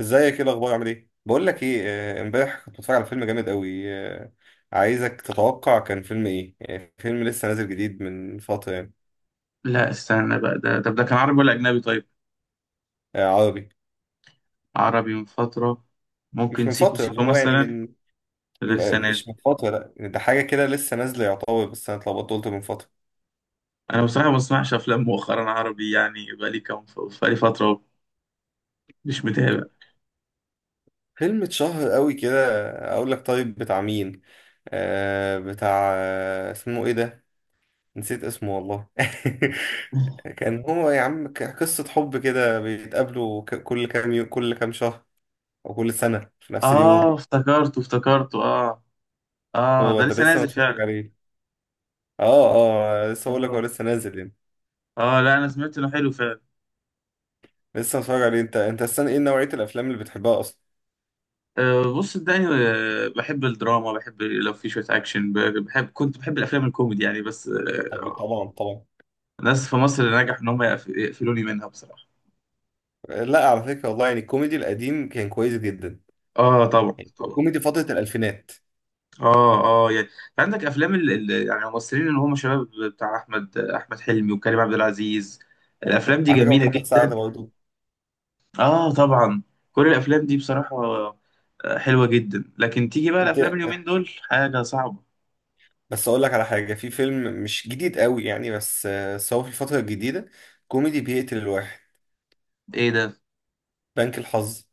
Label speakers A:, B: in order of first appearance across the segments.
A: ازيك؟ ايه الاخبار؟ عامل ايه؟ بقول لك ايه. امبارح كنت بتفرج على فيلم جامد قوي. عايزك تتوقع كان فيلم ايه. فيلم لسه نازل جديد من فتره يعني.
B: لا، استنى بقى. ده كان عربي ولا أجنبي طيب؟
A: آه، عربي.
B: عربي من فترة.
A: مش
B: ممكن
A: من
B: سيكو
A: فتره، اللي
B: سيكو
A: هو يعني
B: مثلا.
A: من
B: ده لسه
A: مش
B: نازل.
A: من فتره، لا يعني ده حاجه كده لسه نازله يعتبر، بس انا اتلخبطت قلت من فتره.
B: أنا بصراحة ما بسمعش أفلام مؤخرا عربي، يعني بقالي كام، بقالي فترة مش متابع.
A: فيلم اتشهر قوي كده. اقول لك طيب، بتاع مين؟ بتاع اسمه ايه ده؟ نسيت اسمه والله. كان هو يا عم، قصة حب كده بيتقابلوا كل كل كام شهر، وكل سنة في نفس
B: آه،
A: اليوم.
B: افتكرته آه. آه،
A: هو
B: ده
A: ده
B: لسه
A: لسه
B: نازل
A: متفرج
B: فعلا.
A: عليه؟ اه. اه، لسه بقول لك هو
B: آه.
A: لسه نازل يعني.
B: آه لا، أنا سمعت إنه حلو فعلا.
A: لسه متفرج عليه انت؟ انت، السنة ايه نوعية الافلام اللي بتحبها اصلا؟
B: آه بص صدقني، بحب الدراما، بحب لو في شوية أكشن، بحب، كنت بحب الأفلام الكوميدي يعني بس.
A: طب، طبعا طبعا.
B: ناس في مصر نجح إن هم يقفلوني منها بصراحة.
A: لا على فكرة والله، يعني الكوميدي القديم كان كويس جدا،
B: آه طبعا
A: يعني
B: طبعا.
A: كوميدي فترة الألفينات.
B: اه اه يعني. عندك افلام يعني الممثلين اللي هم شباب، بتاع احمد حلمي وكريم عبد العزيز. الافلام دي
A: على فكرة
B: جميله
A: محمد
B: جدا.
A: سعد برضه.
B: اه طبعا. كل الافلام دي بصراحه حلوه جدا. لكن تيجي بقى
A: أنت.
B: الافلام اليومين دول حاجه صعبه.
A: بس أقول لك على حاجة، في فيلم مش جديد قوي يعني، بس هو في الفترة الجديدة، كوميدي بيقتل الواحد.
B: ايه ده؟
A: بنك الحظ.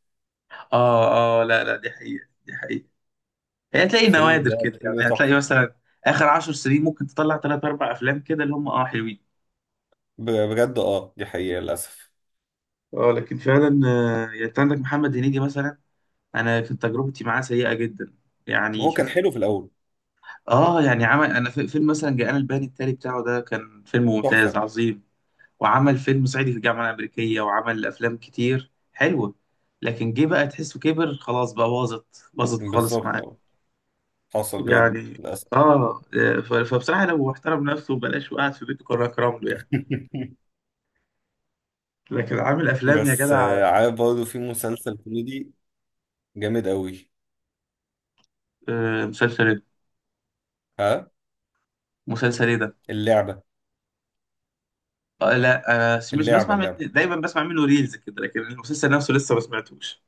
B: اه اه. لا، دي حقيقه، دي حقيقه. هي هتلاقي
A: الفيلم
B: نوادر
A: ده
B: كده
A: الفيلم ده
B: يعني. هتلاقي
A: تحفة.
B: مثلا اخر 10 سنين ممكن تطلع 3 4 افلام كده اللي هم اه حلوين.
A: بجد، دي حقيقة للأسف.
B: اه لكن فعلا، يعني انت عندك محمد هنيدي مثلا. انا كانت تجربتي معاه سيئه جدا، يعني
A: هو كان
B: شفت.
A: حلو في الأول،
B: اه يعني عمل، انا في فيلم مثلا جاءنا البيان التالي بتاعه، ده كان فيلم ممتاز
A: تحفة.
B: عظيم. وعمل فيلم صعيدي في الجامعه الامريكيه، وعمل افلام كتير حلوه. لكن جه بقى تحسه كبر، خلاص بقى باظت، باظت خالص
A: بالظبط،
B: معاه
A: اه. حصل بجد
B: يعني.
A: للأسف.
B: اه، فبصراحه لو احترم نفسه وبلاش وقعد في بيته كنا اكرم له يعني. لكن عامل افلام يا
A: بس
B: جدع.
A: عارف برضه في مسلسل كوميدي جامد قوي.
B: آه، مسلسل ايه؟
A: ها،
B: مسلسل ايه ده؟
A: اللعبة.
B: آه لا، انا سميث،
A: اللعبة
B: بسمع من
A: اللعبة.
B: دايما بسمع منه ريلز كده، لكن المسلسل نفسه لسه ما سمعتوش.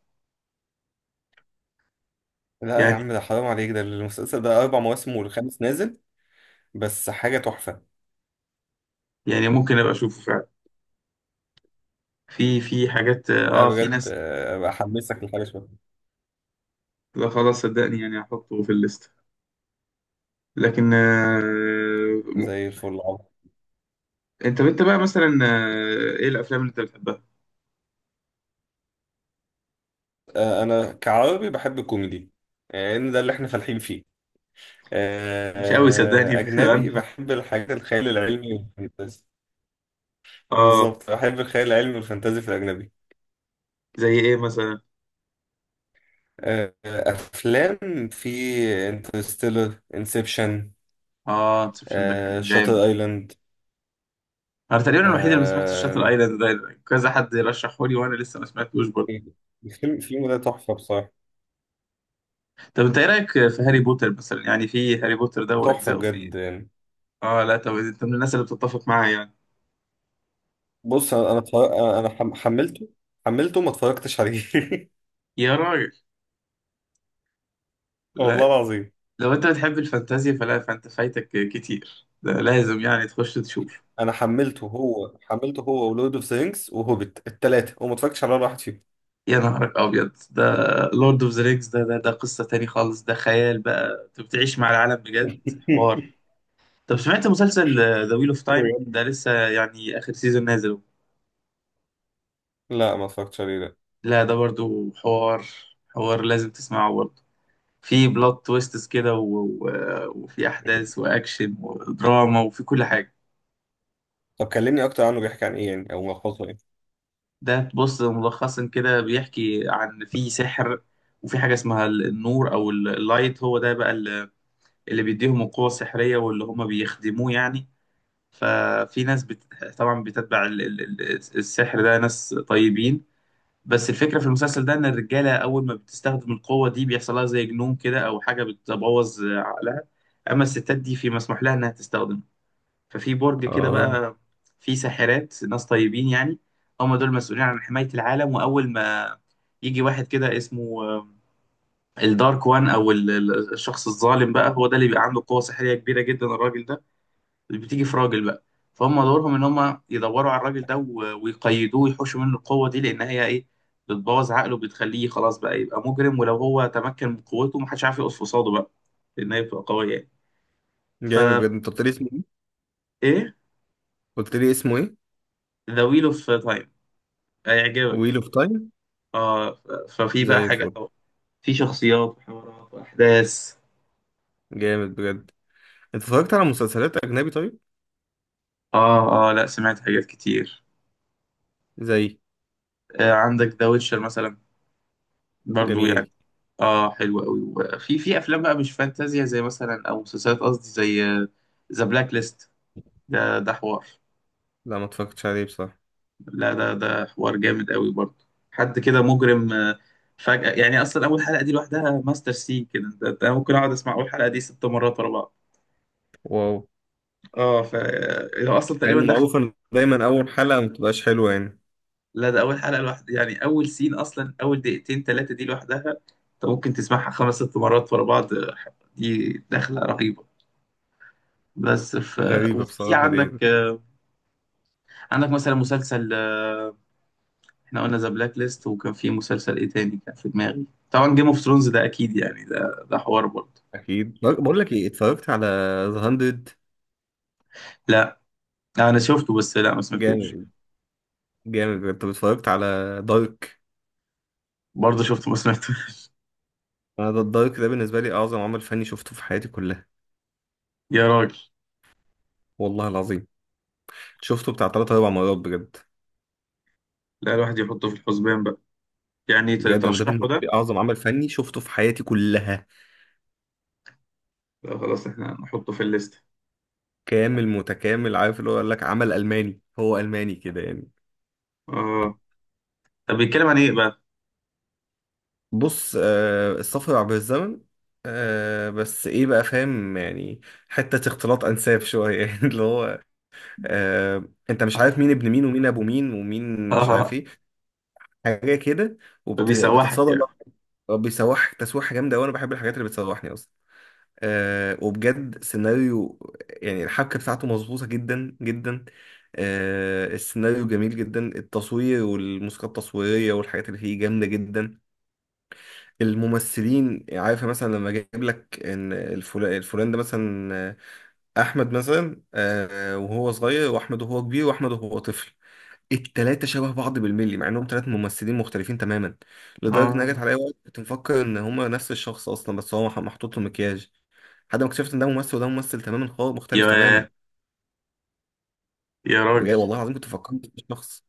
A: لا يا
B: يعني.
A: عم، ده حرام عليك، ده المسلسل ده أربع مواسم والخامس نازل، بس حاجة تحفة.
B: يعني ممكن ابقى اشوفه فعلا. في حاجات،
A: لا
B: اه في
A: بجد،
B: ناس.
A: بحمسك لحاجة شوية.
B: لا خلاص صدقني، يعني هحطه في الليست. لكن آه، م-.
A: زي الفل، عظيم.
B: انت بقى مثلا، آه، ايه الافلام اللي انت بتحبها؟
A: أنا كعربي بحب الكوميدي، لأن ده اللي إحنا فالحين فيه. آه،
B: مش قوي صدقني.
A: أجنبي
B: أنا-.
A: بحب الحاجات الخيال العلمي والفانتازي.
B: اه.
A: بالظبط، بحب الخيال العلمي والفانتازي في الأجنبي.
B: زي ايه مثلا؟
A: افلام في انترستيلر، انسبشن،
B: اه، انسبشن ده كان جامد.
A: شاتر ايلاند.
B: انا تقريبا الوحيد اللي ما سمعتش شاتل ايلاند. ده كذا حد رشحه لي وانا لسه ما سمعتوش برضه.
A: الفيلم ده تحفه بصراحه،
B: طب انت ايه رايك في هاري بوتر مثلا؟ يعني في هاري بوتر ده
A: تحفه
B: واجزائه في.
A: بجد يعني.
B: اه لا طب انت من الناس اللي بتتفق معايا يعني.
A: بص، انا انا اتفرج- انا حم- حملته حملته ما اتفرجتش عليه.
B: يا راجل
A: والله
B: لا.
A: العظيم.
B: لو انت بتحب الفانتازيا فلا، فايتك كتير، ده لازم يعني تخش تشوف.
A: انا حملته هو، ولورد اوف ذا رينجز وهوبيت الثلاثه، وما اتفرجتش على ولا واحد فيهم.
B: يا نهارك ابيض ده. لورد اوف ذا رينجز ده، ده قصة تاني خالص، ده خيال بقى، انت بتعيش مع العالم بجد. حوار. طب سمعت مسلسل ذا ويل اوف تايم؟
A: بجد؟
B: ده لسه يعني اخر سيزون نازل.
A: لا ما اتفرجتش عليه ده.
B: لا ده برضو حوار، حوار لازم تسمعه برضو. في بلوت تويستس كده و... و... وفي احداث واكشن ودراما، وفي كل حاجة.
A: طب كلمني اكتر عنه، بيحكي عن ايه يعني، او ملخصه ايه؟
B: ده بص، ملخصا كده بيحكي عن، في سحر، وفي حاجة اسمها النور، أو اللايت، هو ده بقى اللي بيديهم القوة السحرية واللي هما بيخدموه يعني. ففي ناس طبعا بتتبع السحر ده، ناس طيبين. بس الفكرة في المسلسل ده إن الرجالة أول ما بتستخدم القوة دي بيحصل لها زي جنون كده، أو حاجة بتبوظ عقلها. أما الستات دي في مسموح لها إنها تستخدم. ففي برج كده
A: اه.
B: بقى فيه ساحرات، ناس طيبين يعني، هم دول مسؤولين عن حماية العالم. وأول ما يجي واحد كده اسمه الدارك وان، أو الشخص الظالم بقى، هو ده اللي بيبقى عنده قوة سحرية كبيرة جدا الراجل ده اللي بتيجي في راجل بقى. فهم دورهم إن هم يدوروا على الراجل ده ويقيدوه ويحوشوا منه القوة دي، لأن هي إيه، بتبوظ عقله، بتخليه خلاص بقى يبقى مجرم. ولو هو تمكن من قوته محدش عارف يقف قصاده بقى، لأن هي بتبقى قوية يعني.
A: جامد
B: فا
A: بجد. انت قلت لي اسمه؟
B: إيه،
A: قلت لي اسمه ايه؟
B: ذا ويل أوف تايم. هيعجبك.
A: ويل اوف تايم.
B: اه، ففي بقى
A: زي
B: حاجة،
A: الفل.
B: في شخصيات وحوارات وأحداث.
A: جامد بجد. انت اتفرجت على مسلسلات اجنبي طيب؟
B: اه اه لا، سمعت حاجات كتير.
A: زي؟
B: آه عندك ذا ويتشر مثلا برضو يعني.
A: جميل.
B: اه حلو قوي. وفي في افلام بقى مش فانتازيا، زي مثلا، او مسلسلات قصدي، زي ذا بلاك ليست، ده حوار.
A: لا ما اتفرجتش عليه بصراحه.
B: لا ده حوار جامد قوي برضو. حد كده مجرم، فجأة يعني. اصلا اول حلقة دي لوحدها ماستر سين كده. ده ممكن اقعد اسمع اول حلقة دي 6 مرات ورا بعض.
A: واو.
B: اه، ف آه، اصلا
A: مع
B: تقريبا
A: انه
B: دخل.
A: معروف ان دايما اول حلقه ما بتبقاش حلوه يعني.
B: لا ده اول حلقه لوحدها، يعني اول سين، اصلا اول 2 3 دقايق دي لوحدها انت ممكن تسمعها 5 6 مرات ورا بعض. دي دخله رهيبه. بس ف-.
A: غريبه
B: وفي
A: بصراحه دي
B: عندك،
A: يعني.
B: عندك مثلا مسلسل، احنا قلنا ذا بلاك ليست، وكان في مسلسل ايه تاني كان في دماغي، طبعا جيم اوف ثرونز ده اكيد يعني، ده ده حوار برضه.
A: اكيد. بقول لك ايه، اتفرجت على ذا 100؟
B: لا انا شفته، بس لا ما سمعتوش
A: جامد، جامد بجد. طب اتفرجت على دارك؟
B: برضه. شفته ما سمعتوش.
A: انا ده الدارك ده بالنسبه لي اعظم عمل فني شفته في حياتي كلها،
B: يا راجل.
A: والله العظيم. شفته بتاع 3 4 مرات بجد.
B: لا الواحد يحطه في الحسبان بقى، يعني
A: بجد انا ده
B: ترشحه
A: بالنسبه
B: ده.
A: لي اعظم عمل فني شفته في حياتي كلها،
B: لا خلاص احنا نحطه في الليست.
A: كامل متكامل. عارف اللي هو، قال لك عمل ألماني، هو ألماني كده يعني.
B: اه. طب بيتكلم عن ايه بقى؟
A: بص، السفر عبر الزمن. بس ايه بقى، فاهم يعني؟ حتة اختلاط أنساب شوية، يعني اللي هو، انت مش عارف مين
B: اه.
A: ابن مين ومين ابو مين ومين مش عارف
B: اه
A: ايه، حاجة كده،
B: فبيسوحك
A: وبتتصادم.
B: يعني.
A: بيسوحك تسويحة جامدة وانا بحب الحاجات اللي بتسوحني اصلا وبجد سيناريو، يعني الحبكة بتاعته مظبوطة جدا جدا. السيناريو جميل جدا، التصوير والموسيقى التصويرية والحاجات اللي فيه جامدة جدا. الممثلين، عارفة مثلا لما جايب لك ان الفلان ده مثلا، احمد مثلا، وهو صغير، واحمد وهو كبير، واحمد وهو طفل، التلاتة شبه بعض بالملي، مع انهم تلات ممثلين مختلفين تماما، لدرجة ان أنا جت
B: اه.
A: عليا وقت كنت مفكر ان هما نفس الشخص اصلا، بس هو محطوط له مكياج، لحد ما اكتشفت ان ده ممثل وده ممثل، تماما خالص مختلف تماما.
B: يا يا راجل.
A: بجد والله العظيم كنت فكرت في شخص.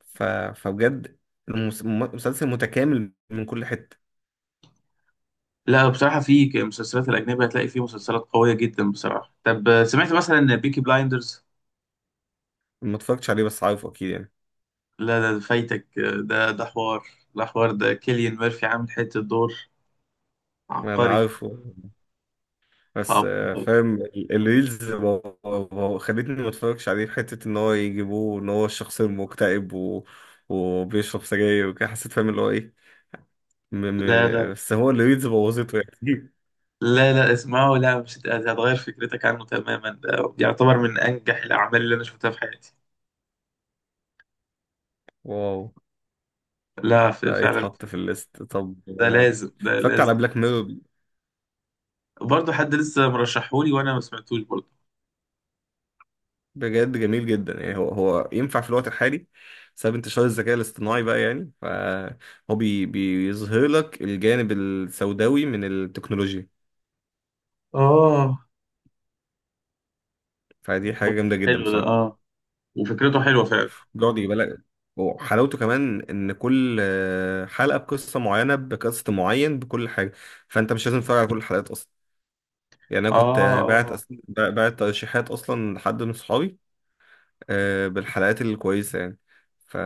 A: ف... فبجد، مسلسل متكامل من كل حته.
B: لا بصراحة في مسلسلات الأجنبية هتلاقي فيه مسلسلات قوية جدا بصراحة. طب سمعت مثلا بيكي بلايندرز؟
A: ما اتفرجتش عليه بس عارفه اكيد يعني.
B: لا ده فايتك، ده حوار. ده حوار، ده كيليان ميرفي عامل حتة دور
A: انا
B: عبقري.
A: عارفه بس
B: عبقري.
A: فاهم الريلز خلتني ما اتفرجش عليه، في حته ان هو يجيبوه ان هو الشخص المكتئب وبيشرب سجاير وكده، حسيت فاهم اللي هو ايه.
B: لا لا
A: بس هو الريلز بوظته يعني.
B: لا اسمعه، لا مش هتغير فكرتك عنه تماما. ده يعتبر من أنجح الأعمال اللي أنا شفتها في حياتي.
A: واو.
B: لا
A: لا
B: فعلا.
A: يتحط في الليست طب.
B: ده
A: آه،
B: لازم، ده
A: اتفرجت على
B: لازم.
A: بلاك ميرور؟
B: برضه حد لسه مرشحولي وأنا ما سمعتوش برضه.
A: بجد جميل جدا، يعني هو ينفع في الوقت الحالي بسبب انتشار الذكاء الاصطناعي بقى، يعني فهو بيظهر لك الجانب السوداوي من التكنولوجيا،
B: اه
A: فدي حاجة جامدة جدا
B: حلو ده
A: بصراحة.
B: اه. وفكرته حلوه فعلا.
A: بيقعد يجيب لك، وحلاوته كمان ان كل حلقة بقصة معينة، بكاست معين، بكل حاجة، فانت مش لازم تتفرج على كل الحلقات اصلا. يعني انا كنت
B: اه
A: آه، باعت
B: اه.
A: أس- باعت ترشيحات اصلا لحد من صحابي، بالحلقات الكويسة يعني. ف...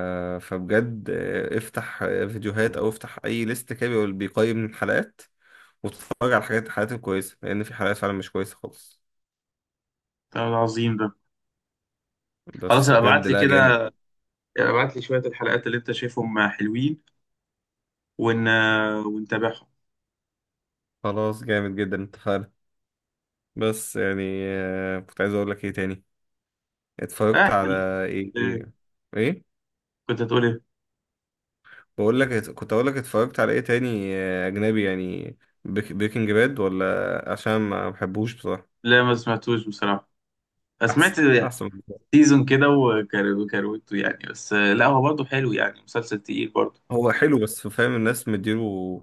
A: فبجد، افتح فيديوهات أو افتح أي ليست كده، بيقيم الحلقات، وتتفرج على الحلقات الكويسة، لأن في حلقات فعلا مش كويسة خالص.
B: ده عظيم ده. خلاص
A: بس
B: ابقى
A: بجد،
B: ابعت لي
A: لا
B: كده،
A: جامد.
B: ابعت لي شويه الحلقات اللي انت شايفهم حلوين، ون... ونتابعهم.
A: خلاص، جامد جدا، اتفقنا. بس يعني كنت عايز أقول لك إيه تاني،
B: آه
A: اتفرجت
B: احنا.
A: على إيه
B: آه،
A: إيه إيه؟
B: كنت هتقول ايه؟
A: بقول لك كنت أقول لك اتفرجت على إيه تاني، أجنبي يعني، بريكنج باد؟ ولا عشان ما بحبوش بصراحة.
B: لا ما سمعتوش بصراحه. سمعت
A: أحسن، أحسن.
B: سيزون كده وكروته يعني بس. لا هو برضه حلو يعني، مسلسل تقيل برضه.
A: هو حلو بس فاهم الناس مديله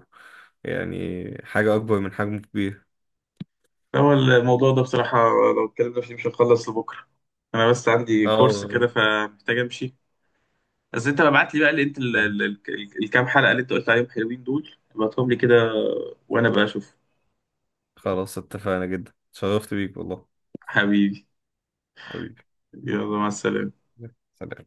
A: يعني حاجة أكبر من حجمه، كبير.
B: هو الموضوع ده بصراحه لو اتكلمنا فيه مش هنخلص لبكره. انا بس عندي كورس كده
A: اه،
B: فمحتاج امشي. بس انت ابعت لي بقى، اللي انت الكام حلقة اللي انت قلت عليهم حلوين دول، ابعتهم لي كده وانا بقى اشوف.
A: خلاص اتفقنا جدا، اتشرفت بيك والله.
B: حبيبي.
A: حبيبي.
B: يلا مع السلامة.
A: سلام.